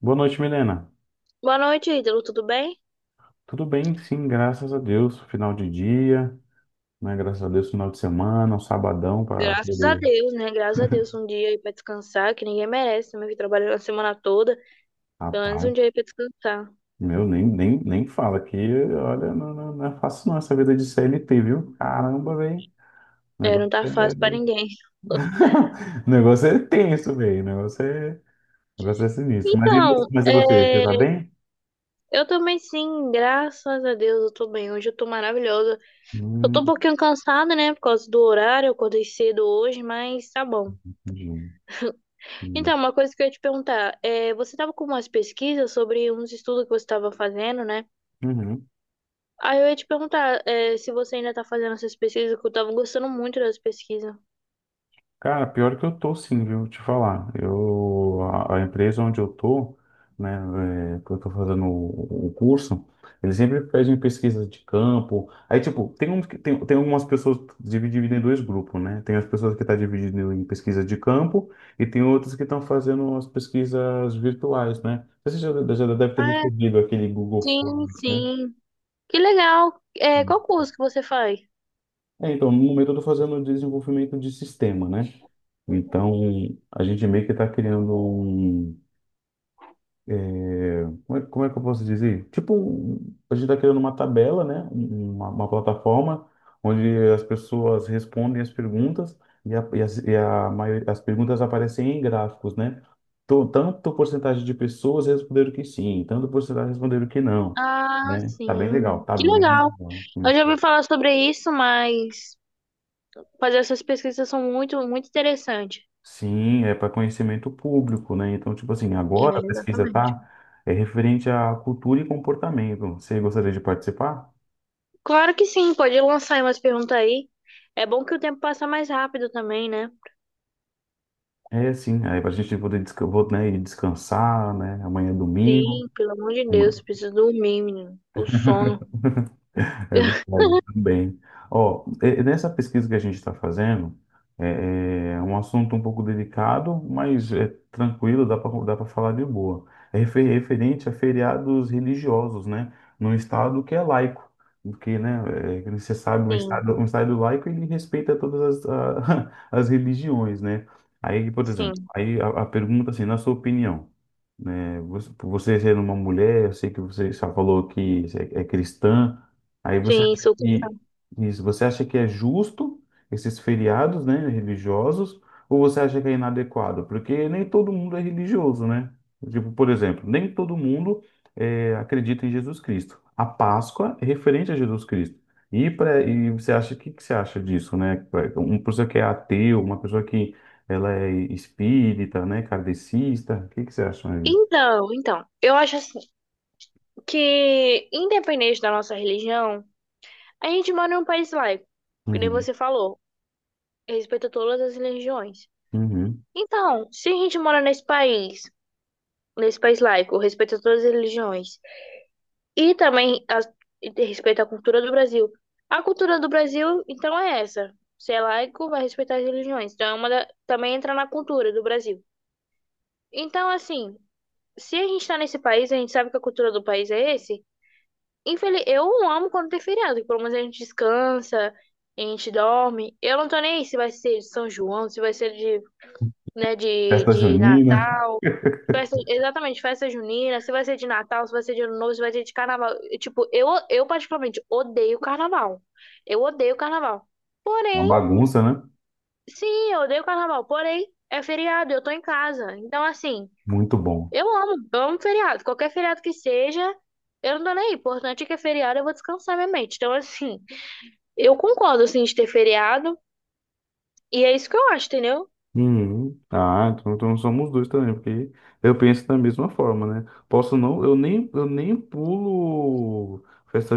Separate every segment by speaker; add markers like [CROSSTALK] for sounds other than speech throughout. Speaker 1: Boa noite, Milena.
Speaker 2: Boa noite, Ítalo. Tudo bem?
Speaker 1: Tudo bem? Sim, graças a Deus. Final de dia, né? Graças a Deus, final de semana, um sabadão para
Speaker 2: Graças a
Speaker 1: poder.
Speaker 2: Deus, né? Graças a Deus, um dia aí pra descansar, que ninguém merece, também que trabalhou a semana toda, pelo menos um
Speaker 1: Rapaz,
Speaker 2: dia aí pra descansar.
Speaker 1: meu, nem fala que, olha, não é fácil não essa vida de CLT, viu? Caramba, velho. O
Speaker 2: É,
Speaker 1: negócio
Speaker 2: não tá fácil pra
Speaker 1: é...
Speaker 2: ninguém.
Speaker 1: [LAUGHS] o negócio tenso, velho. O negócio é sinistro. Mas e, você-
Speaker 2: Então,
Speaker 1: mas e você? Você tá bem?
Speaker 2: eu também sim, graças a Deus eu tô bem. Hoje eu tô maravilhosa. Eu tô um
Speaker 1: Hum,
Speaker 2: pouquinho cansada, né, por causa do horário, eu acordei cedo hoje, mas tá bom.
Speaker 1: entendi.
Speaker 2: Então, uma coisa que eu ia te perguntar, você tava com umas pesquisas sobre uns estudos que você tava fazendo, né?
Speaker 1: Uhum.
Speaker 2: Aí eu ia te perguntar, se você ainda tá fazendo essas pesquisas, que eu tava gostando muito das pesquisas.
Speaker 1: Cara, pior que eu tô sim, viu? Te falar. A empresa onde eu tô, né, que eu tô fazendo o curso, eles sempre pedem pesquisa de campo. Aí, tipo, tem, uns que- tem, tem algumas pessoas divididas em dois grupos, né? Tem as pessoas que estão divididas em pesquisa de campo e tem outras que estão fazendo as pesquisas virtuais, né? Você já deve ter
Speaker 2: Ah,
Speaker 1: recebido aquele Google
Speaker 2: sim,
Speaker 1: Forms, né?
Speaker 2: sim. Que legal. Qual curso que você faz?
Speaker 1: Então, no momento eu estou fazendo desenvolvimento de sistema, né? Então, a gente meio que está criando um. Como é que eu posso dizer? Tipo, a gente está criando uma tabela, né? Uma plataforma onde as pessoas respondem as perguntas e, a, e, as, e a maior- as perguntas aparecem em gráficos, né? Então, tanto porcentagem de pessoas responderam que sim, tanto porcentagem responderam que não,
Speaker 2: Ah,
Speaker 1: né? Tá bem
Speaker 2: sim.
Speaker 1: legal, tá
Speaker 2: Que
Speaker 1: bem
Speaker 2: legal.
Speaker 1: legal.
Speaker 2: Eu já ouvi falar sobre isso, mas fazer essas pesquisas são muito, muito interessantes.
Speaker 1: Sim, é para conhecimento público, né? Então, tipo assim,
Speaker 2: É,
Speaker 1: agora a pesquisa
Speaker 2: exatamente.
Speaker 1: tá referente à cultura e comportamento. Você gostaria de participar?
Speaker 2: Claro que sim, pode lançar aí umas perguntas aí. É bom que o tempo passa mais rápido também, né?
Speaker 1: É, sim. Aí para a gente poder vou, né, ir descansar, né? Amanhã é domingo.
Speaker 2: Sim, pelo amor de
Speaker 1: Amanhã.
Speaker 2: Deus, preciso dormir, menino. O sono.
Speaker 1: É
Speaker 2: [LAUGHS]
Speaker 1: verdade, também. Ó, e nessa pesquisa que a gente está fazendo, é um assunto um pouco delicado, mas é tranquilo, dá para falar de boa. É referente a feriados religiosos, né? Num estado que é laico, porque, né, que você sabe, um
Speaker 2: Sim,
Speaker 1: estado, um estado laico, ele respeita todas [LAUGHS] as religiões, né? Aí, por exemplo,
Speaker 2: sim.
Speaker 1: aí a pergunta assim, na sua opinião, né? Você, por você ser uma mulher, eu sei que você só falou que é cristã. Aí você
Speaker 2: Sim,
Speaker 1: acha
Speaker 2: sou.
Speaker 1: que, isso, você acha que é justo esses feriados, né, religiosos, ou você acha que é inadequado? Porque nem todo mundo é religioso, né? Tipo, por exemplo, nem todo mundo acredita em Jesus Cristo. A Páscoa é referente a Jesus Cristo. E você acha, o que, que você acha disso, né? Uma pessoa que é ateu, uma pessoa que ela é espírita, né? Kardecista, o que, que você acha aí?
Speaker 2: Então, eu acho assim que, independente da nossa religião, a gente mora em um país laico, que nem
Speaker 1: Uhum,
Speaker 2: você falou, respeita todas as religiões.
Speaker 1: uhum.
Speaker 2: Então, se a gente mora nesse país laico, respeita todas as religiões, e também e respeita a cultura do Brasil. A cultura do Brasil, então, é essa. Se é laico, vai respeitar as religiões. Então, é também entra na cultura do Brasil. Então, assim, se a gente está nesse país, a gente sabe que a cultura do país é esse. Eu amo quando tem feriado, que pelo menos a gente descansa, a gente dorme. Eu não tô nem aí se vai ser de São João, se vai ser de, né, de,
Speaker 1: Festa
Speaker 2: de
Speaker 1: junina,
Speaker 2: Natal,
Speaker 1: [LAUGHS] é
Speaker 2: festa, exatamente, festa junina, se vai ser de Natal, se vai ser de Ano Novo, se vai ser de Carnaval. E, tipo, eu particularmente odeio Carnaval. Eu odeio Carnaval.
Speaker 1: uma
Speaker 2: Porém,
Speaker 1: bagunça, né?
Speaker 2: sim, eu odeio Carnaval. Porém, é feriado, eu tô em casa. Então, assim,
Speaker 1: Muito bom.
Speaker 2: eu amo feriado. Qualquer feriado que seja, eu não tô nem aí. O importante é que é feriado, eu vou descansar minha mente. Então, assim, eu concordo, assim, de ter feriado. E é isso que eu acho, entendeu?
Speaker 1: Uhum. Ah, então somos dois também, porque eu penso da mesma forma, né? Posso não, eu nem pulo festa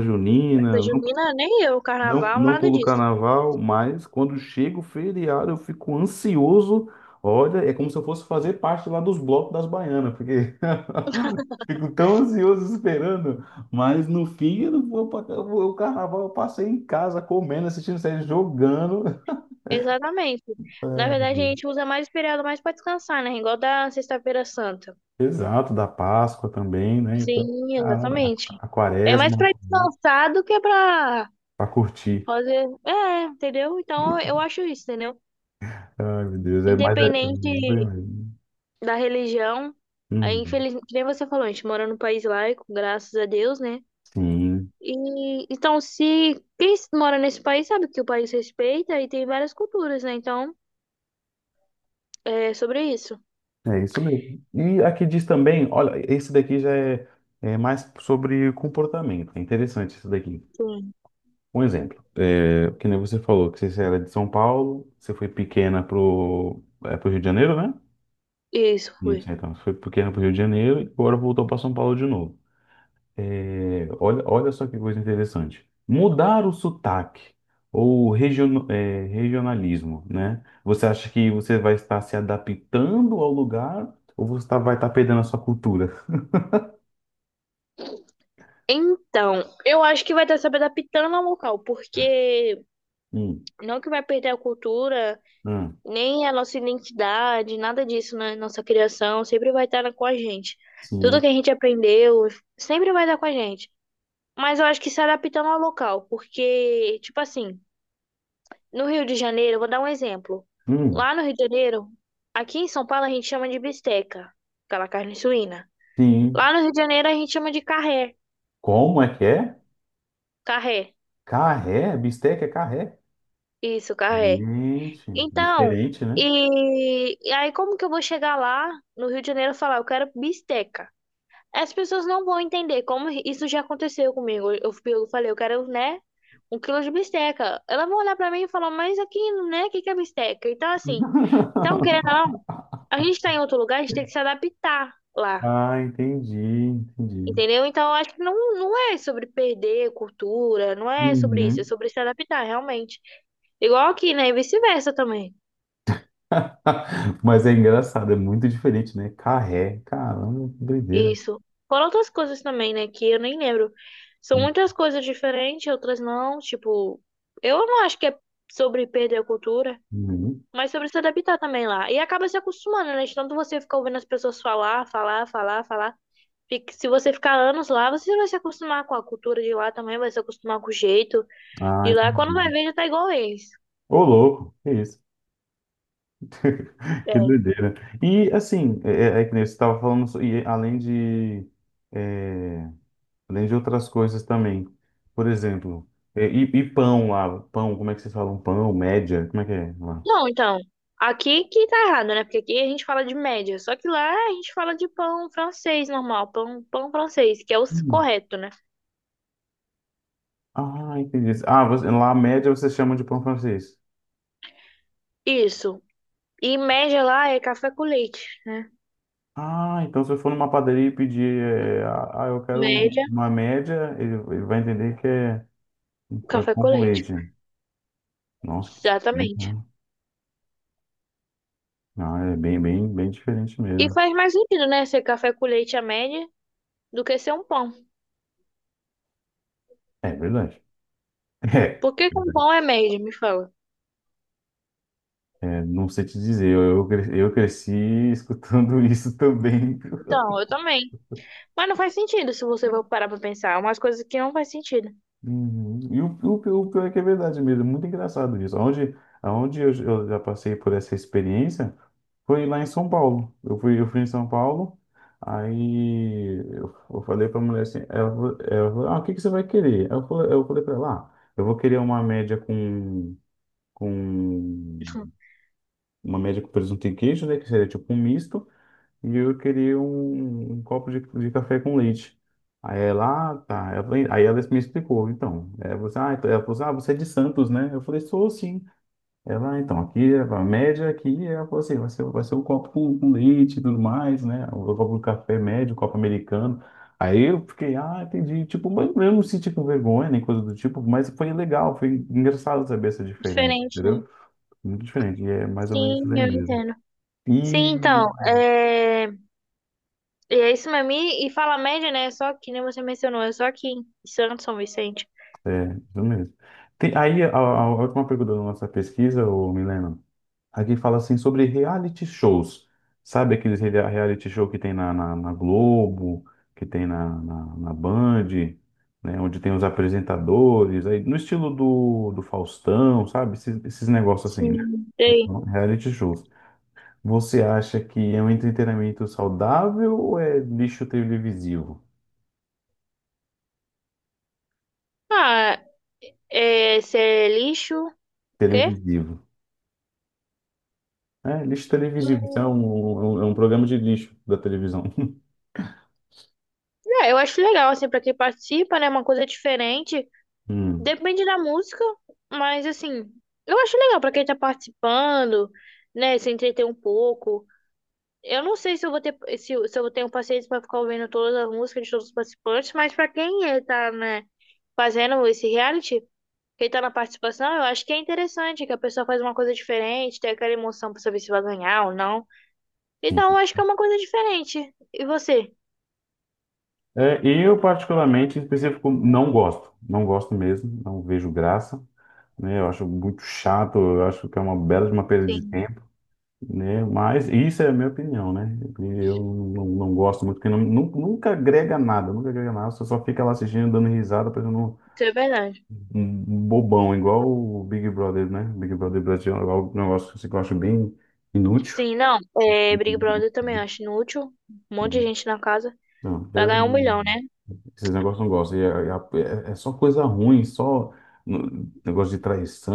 Speaker 2: Essa
Speaker 1: junina.
Speaker 2: junina, nem eu,
Speaker 1: Não,
Speaker 2: carnaval,
Speaker 1: não
Speaker 2: nada
Speaker 1: pulo
Speaker 2: disso.
Speaker 1: carnaval, mas quando chega o feriado eu fico ansioso. Olha, é como se eu fosse fazer parte lá dos blocos das baianas, porque [LAUGHS] fico tão ansioso esperando. Mas no fim eu não vou pra, eu vou, o carnaval eu passei em casa comendo, assistindo série, jogando. [LAUGHS]
Speaker 2: Exatamente. Na verdade, a
Speaker 1: É,
Speaker 2: gente usa mais o feriado mais pra descansar, né? Igual da Sexta-feira Santa.
Speaker 1: exato, da Páscoa também, né? Então,
Speaker 2: Sim,
Speaker 1: caramba,
Speaker 2: exatamente.
Speaker 1: a
Speaker 2: É mais
Speaker 1: Quaresma
Speaker 2: pra descansar do que pra
Speaker 1: para curtir.
Speaker 2: fazer. É, entendeu? Então, eu
Speaker 1: [LAUGHS]
Speaker 2: acho isso, entendeu?
Speaker 1: Ai, meu Deus, é mais. É...
Speaker 2: Independente da religião. Aí,
Speaker 1: Hum,
Speaker 2: que nem você falou, a gente mora num país laico, graças a Deus, né?
Speaker 1: sim.
Speaker 2: E então, se quem mora nesse país sabe que o país respeita e tem várias culturas, né? Então, é sobre isso.
Speaker 1: É isso mesmo. E aqui diz também, olha, esse daqui já é mais sobre comportamento. É interessante isso daqui.
Speaker 2: Sim.
Speaker 1: Um exemplo, que nem você falou, que você era de São Paulo, você foi pequena pro Rio de Janeiro, né?
Speaker 2: Isso, fui.
Speaker 1: Isso, então, você foi pequena pro Rio de Janeiro e agora voltou para São Paulo de novo. É, olha só que coisa interessante. Mudar o sotaque ou regionalismo, né? Você acha que você vai estar se adaptando ao lugar ou vai estar perdendo a sua cultura?
Speaker 2: Então, eu acho que vai estar se adaptando ao local, porque
Speaker 1: Hum,
Speaker 2: não que vai perder a cultura,
Speaker 1: hum,
Speaker 2: nem a nossa identidade, nada disso. Na nossa criação, sempre vai estar com a gente. Tudo
Speaker 1: sim,
Speaker 2: que a gente aprendeu sempre vai estar com a gente. Mas eu acho que se adaptando ao local, porque, tipo assim, no Rio de Janeiro, eu vou dar um exemplo.
Speaker 1: hum,
Speaker 2: Lá no Rio de Janeiro, aqui em São Paulo a gente chama de bisteca, aquela carne suína.
Speaker 1: sim.
Speaker 2: Lá no Rio de Janeiro a gente chama de carré.
Speaker 1: Como é que é?
Speaker 2: Carré.
Speaker 1: Carré? Bisteca é carré?
Speaker 2: Isso, carré.
Speaker 1: Gente,
Speaker 2: Então,
Speaker 1: diferente, né?
Speaker 2: e aí como que eu vou chegar lá no Rio de Janeiro e falar, eu quero bisteca? As pessoas não vão entender, como isso já aconteceu comigo. Eu falei, eu quero, né, um quilo de bisteca. Elas vão olhar pra mim e falar, mas aqui, né, o que que é bisteca? Então, assim, então, querendo ou não,
Speaker 1: [LAUGHS]
Speaker 2: a gente tá em outro lugar, a gente tem que se adaptar lá,
Speaker 1: Ah, entendi, entendi.
Speaker 2: entendeu? Então, eu acho que não, não é sobre perder cultura, não é sobre isso, é
Speaker 1: Uhum.
Speaker 2: sobre se adaptar, realmente. Igual aqui, né? E vice-versa também.
Speaker 1: [LAUGHS] Mas é engraçado, é muito diferente, né? Carré, caramba, que doideira.
Speaker 2: Isso. Foram outras coisas também, né? Que eu nem lembro. São muitas coisas diferentes, outras não. Tipo, eu não acho que é sobre perder a cultura,
Speaker 1: Uhum.
Speaker 2: mas sobre se adaptar também lá. E acaba se acostumando, né? De tanto você ficar ouvindo as pessoas falar, falar, falar, falar. Se você ficar anos lá, você vai se acostumar com a cultura de lá também, vai se acostumar com o jeito
Speaker 1: Ah,
Speaker 2: de lá. Quando vai
Speaker 1: entendi.
Speaker 2: ver, já tá igual eles.
Speaker 1: Ô, louco, que isso? [LAUGHS] Que
Speaker 2: É.
Speaker 1: doideira. E assim, é que nem você estava falando, e além de. é, além de outras coisas também. Por exemplo, e pão lá, pão, como é que vocês falam? Pão, média, como é que é lá?
Speaker 2: Não, então, aqui que tá errado, né? Porque aqui a gente fala de média, só que lá a gente fala de pão francês normal, pão, pão francês, que é o
Speaker 1: Hum.
Speaker 2: correto, né?
Speaker 1: Ah, entendi. Ah, lá a média vocês chamam de pão francês.
Speaker 2: Isso. E média lá é café com leite.
Speaker 1: Ah, então se eu for numa padaria e pedir, eu quero um-
Speaker 2: Média,
Speaker 1: uma média, ele vai entender que é
Speaker 2: café
Speaker 1: pão
Speaker 2: com
Speaker 1: com
Speaker 2: leite.
Speaker 1: leite. Nossa, que diferente,
Speaker 2: Exatamente.
Speaker 1: né? Ah, é bem, bem, bem diferente
Speaker 2: E
Speaker 1: mesmo.
Speaker 2: faz mais sentido, né? Ser café com leite a média do que ser um pão.
Speaker 1: É verdade.
Speaker 2: Por que que um
Speaker 1: [LAUGHS]
Speaker 2: pão é média, me fala?
Speaker 1: É, não sei te dizer, eu cresci escutando [LAUGHS] isso também.
Speaker 2: Então, eu também. Mas não faz sentido se você for parar pra pensar. É umas coisas que não faz sentido.
Speaker 1: Uhum. E o pior é que é verdade mesmo, é muito engraçado isso. Aonde eu já passei por essa experiência foi lá em São Paulo. Eu fui em São Paulo, aí eu falei para a mulher assim, ela falou, ah, o que que você vai querer? Eu falei para ela, ah, eu vou querer com uma média com presunto e queijo, né, que seria tipo um misto, e eu queria um copo de café com leite. Aí ela, ah, tá. Aí ela me explicou, então. Ela falou assim, ah, você é de Santos, né? Eu falei, sou sim. Ela, "Ah, então, aqui, é a média aqui", ela falou assim, vai ser um copo com leite e tudo mais, né? O copo de café médio, copo americano. Aí eu fiquei, ah, entendi. Tipo, mas eu não senti com vergonha nem coisa do tipo, mas foi legal, foi engraçado saber essa diferença,
Speaker 2: Diferente, né?
Speaker 1: entendeu? Muito diferente, e é mais ou menos isso
Speaker 2: Sim,
Speaker 1: aí
Speaker 2: eu
Speaker 1: mesmo.
Speaker 2: entendo. Sim, então,
Speaker 1: E
Speaker 2: é é isso mesmo. E fala média, né? É só que nem você mencionou, é só aqui em Santos, São Vicente.
Speaker 1: é, isso mesmo. Tem, aí, a última pergunta da nossa pesquisa, ô Milena, aqui fala assim sobre reality shows. Sabe aqueles reality show que tem na, Globo, que tem na Band, né, onde tem os apresentadores, aí, no estilo do Faustão, sabe? Esses negócios assim, né?
Speaker 2: Sim. E aí?
Speaker 1: Então, reality shows. Você acha que é um entretenimento saudável ou é lixo televisivo?
Speaker 2: Ah, é, ser lixo, o quê?
Speaker 1: Televisivo. É, lixo televisivo. Isso é um programa de lixo da televisão. [LAUGHS]
Speaker 2: É, eu acho legal, assim, pra quem participa, né? Uma coisa diferente.
Speaker 1: Hum,
Speaker 2: Depende da música, mas assim, eu acho legal pra quem tá participando, né? Se entreter um pouco. Eu não sei se eu vou ter se, eu- se eu tenho paciência para ficar ouvindo todas as músicas de todos os participantes, mas para quem tá, né, fazendo esse reality, quem tá na participação, eu acho que é interessante que a pessoa faz uma coisa diferente, tem aquela emoção para saber se vai ganhar ou não. Então, eu
Speaker 1: sim.
Speaker 2: acho que é uma coisa diferente. E você?
Speaker 1: É, eu, particularmente, em específico, não gosto. Não gosto mesmo, não vejo graça. Né? Eu acho muito chato, eu acho que é uma bela de uma perda de
Speaker 2: Sim,
Speaker 1: tempo. Né? Mas isso é a minha opinião, né? Eu não gosto muito, porque nunca agrega nada, nunca agrega nada. Você só fica lá assistindo, dando risada, parecendo um,
Speaker 2: isso é verdade.
Speaker 1: um bobão, igual o Big Brother, né? Big Brother Brasil é um negócio que eu acho bem inútil.
Speaker 2: Sim, não. É, Big Brother eu também acho inútil. Um monte de
Speaker 1: Hum.
Speaker 2: gente na casa
Speaker 1: Não,
Speaker 2: para ganhar um milhão, né?
Speaker 1: esses negócios não gosto. É só coisa ruim, só negócio de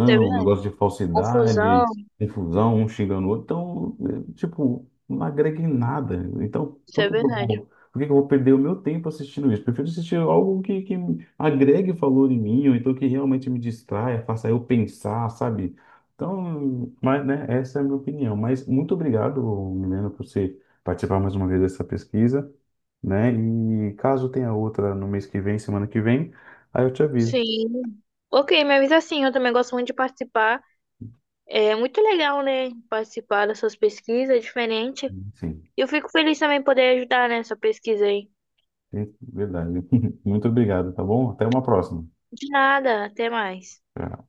Speaker 2: Isso é verdade.
Speaker 1: negócio de
Speaker 2: Confusão,
Speaker 1: falsidade, confusão, um xingando o outro. Então, tipo, não agrega em nada. Então,
Speaker 2: isso
Speaker 1: por
Speaker 2: é
Speaker 1: que que eu
Speaker 2: verdade.
Speaker 1: vou, por que que eu vou perder o meu tempo assistindo isso? Prefiro assistir algo que agregue valor em mim, ou então que realmente me distraia, faça eu pensar, sabe? Então, mas, né, essa é a minha opinião. Mas muito obrigado, Milena, por você participar mais uma vez dessa pesquisa, né? E caso tenha outra no mês que vem, semana que vem, aí eu te aviso.
Speaker 2: Sim. Ok, me avisa sim, eu também gosto muito de participar. É muito legal, né, participar dessas pesquisas, é diferente.
Speaker 1: Sim,
Speaker 2: E eu fico feliz também em poder ajudar nessa pesquisa aí.
Speaker 1: é verdade. [LAUGHS] Muito obrigado, tá bom? Até uma próxima.
Speaker 2: De nada, até mais.
Speaker 1: Tchau.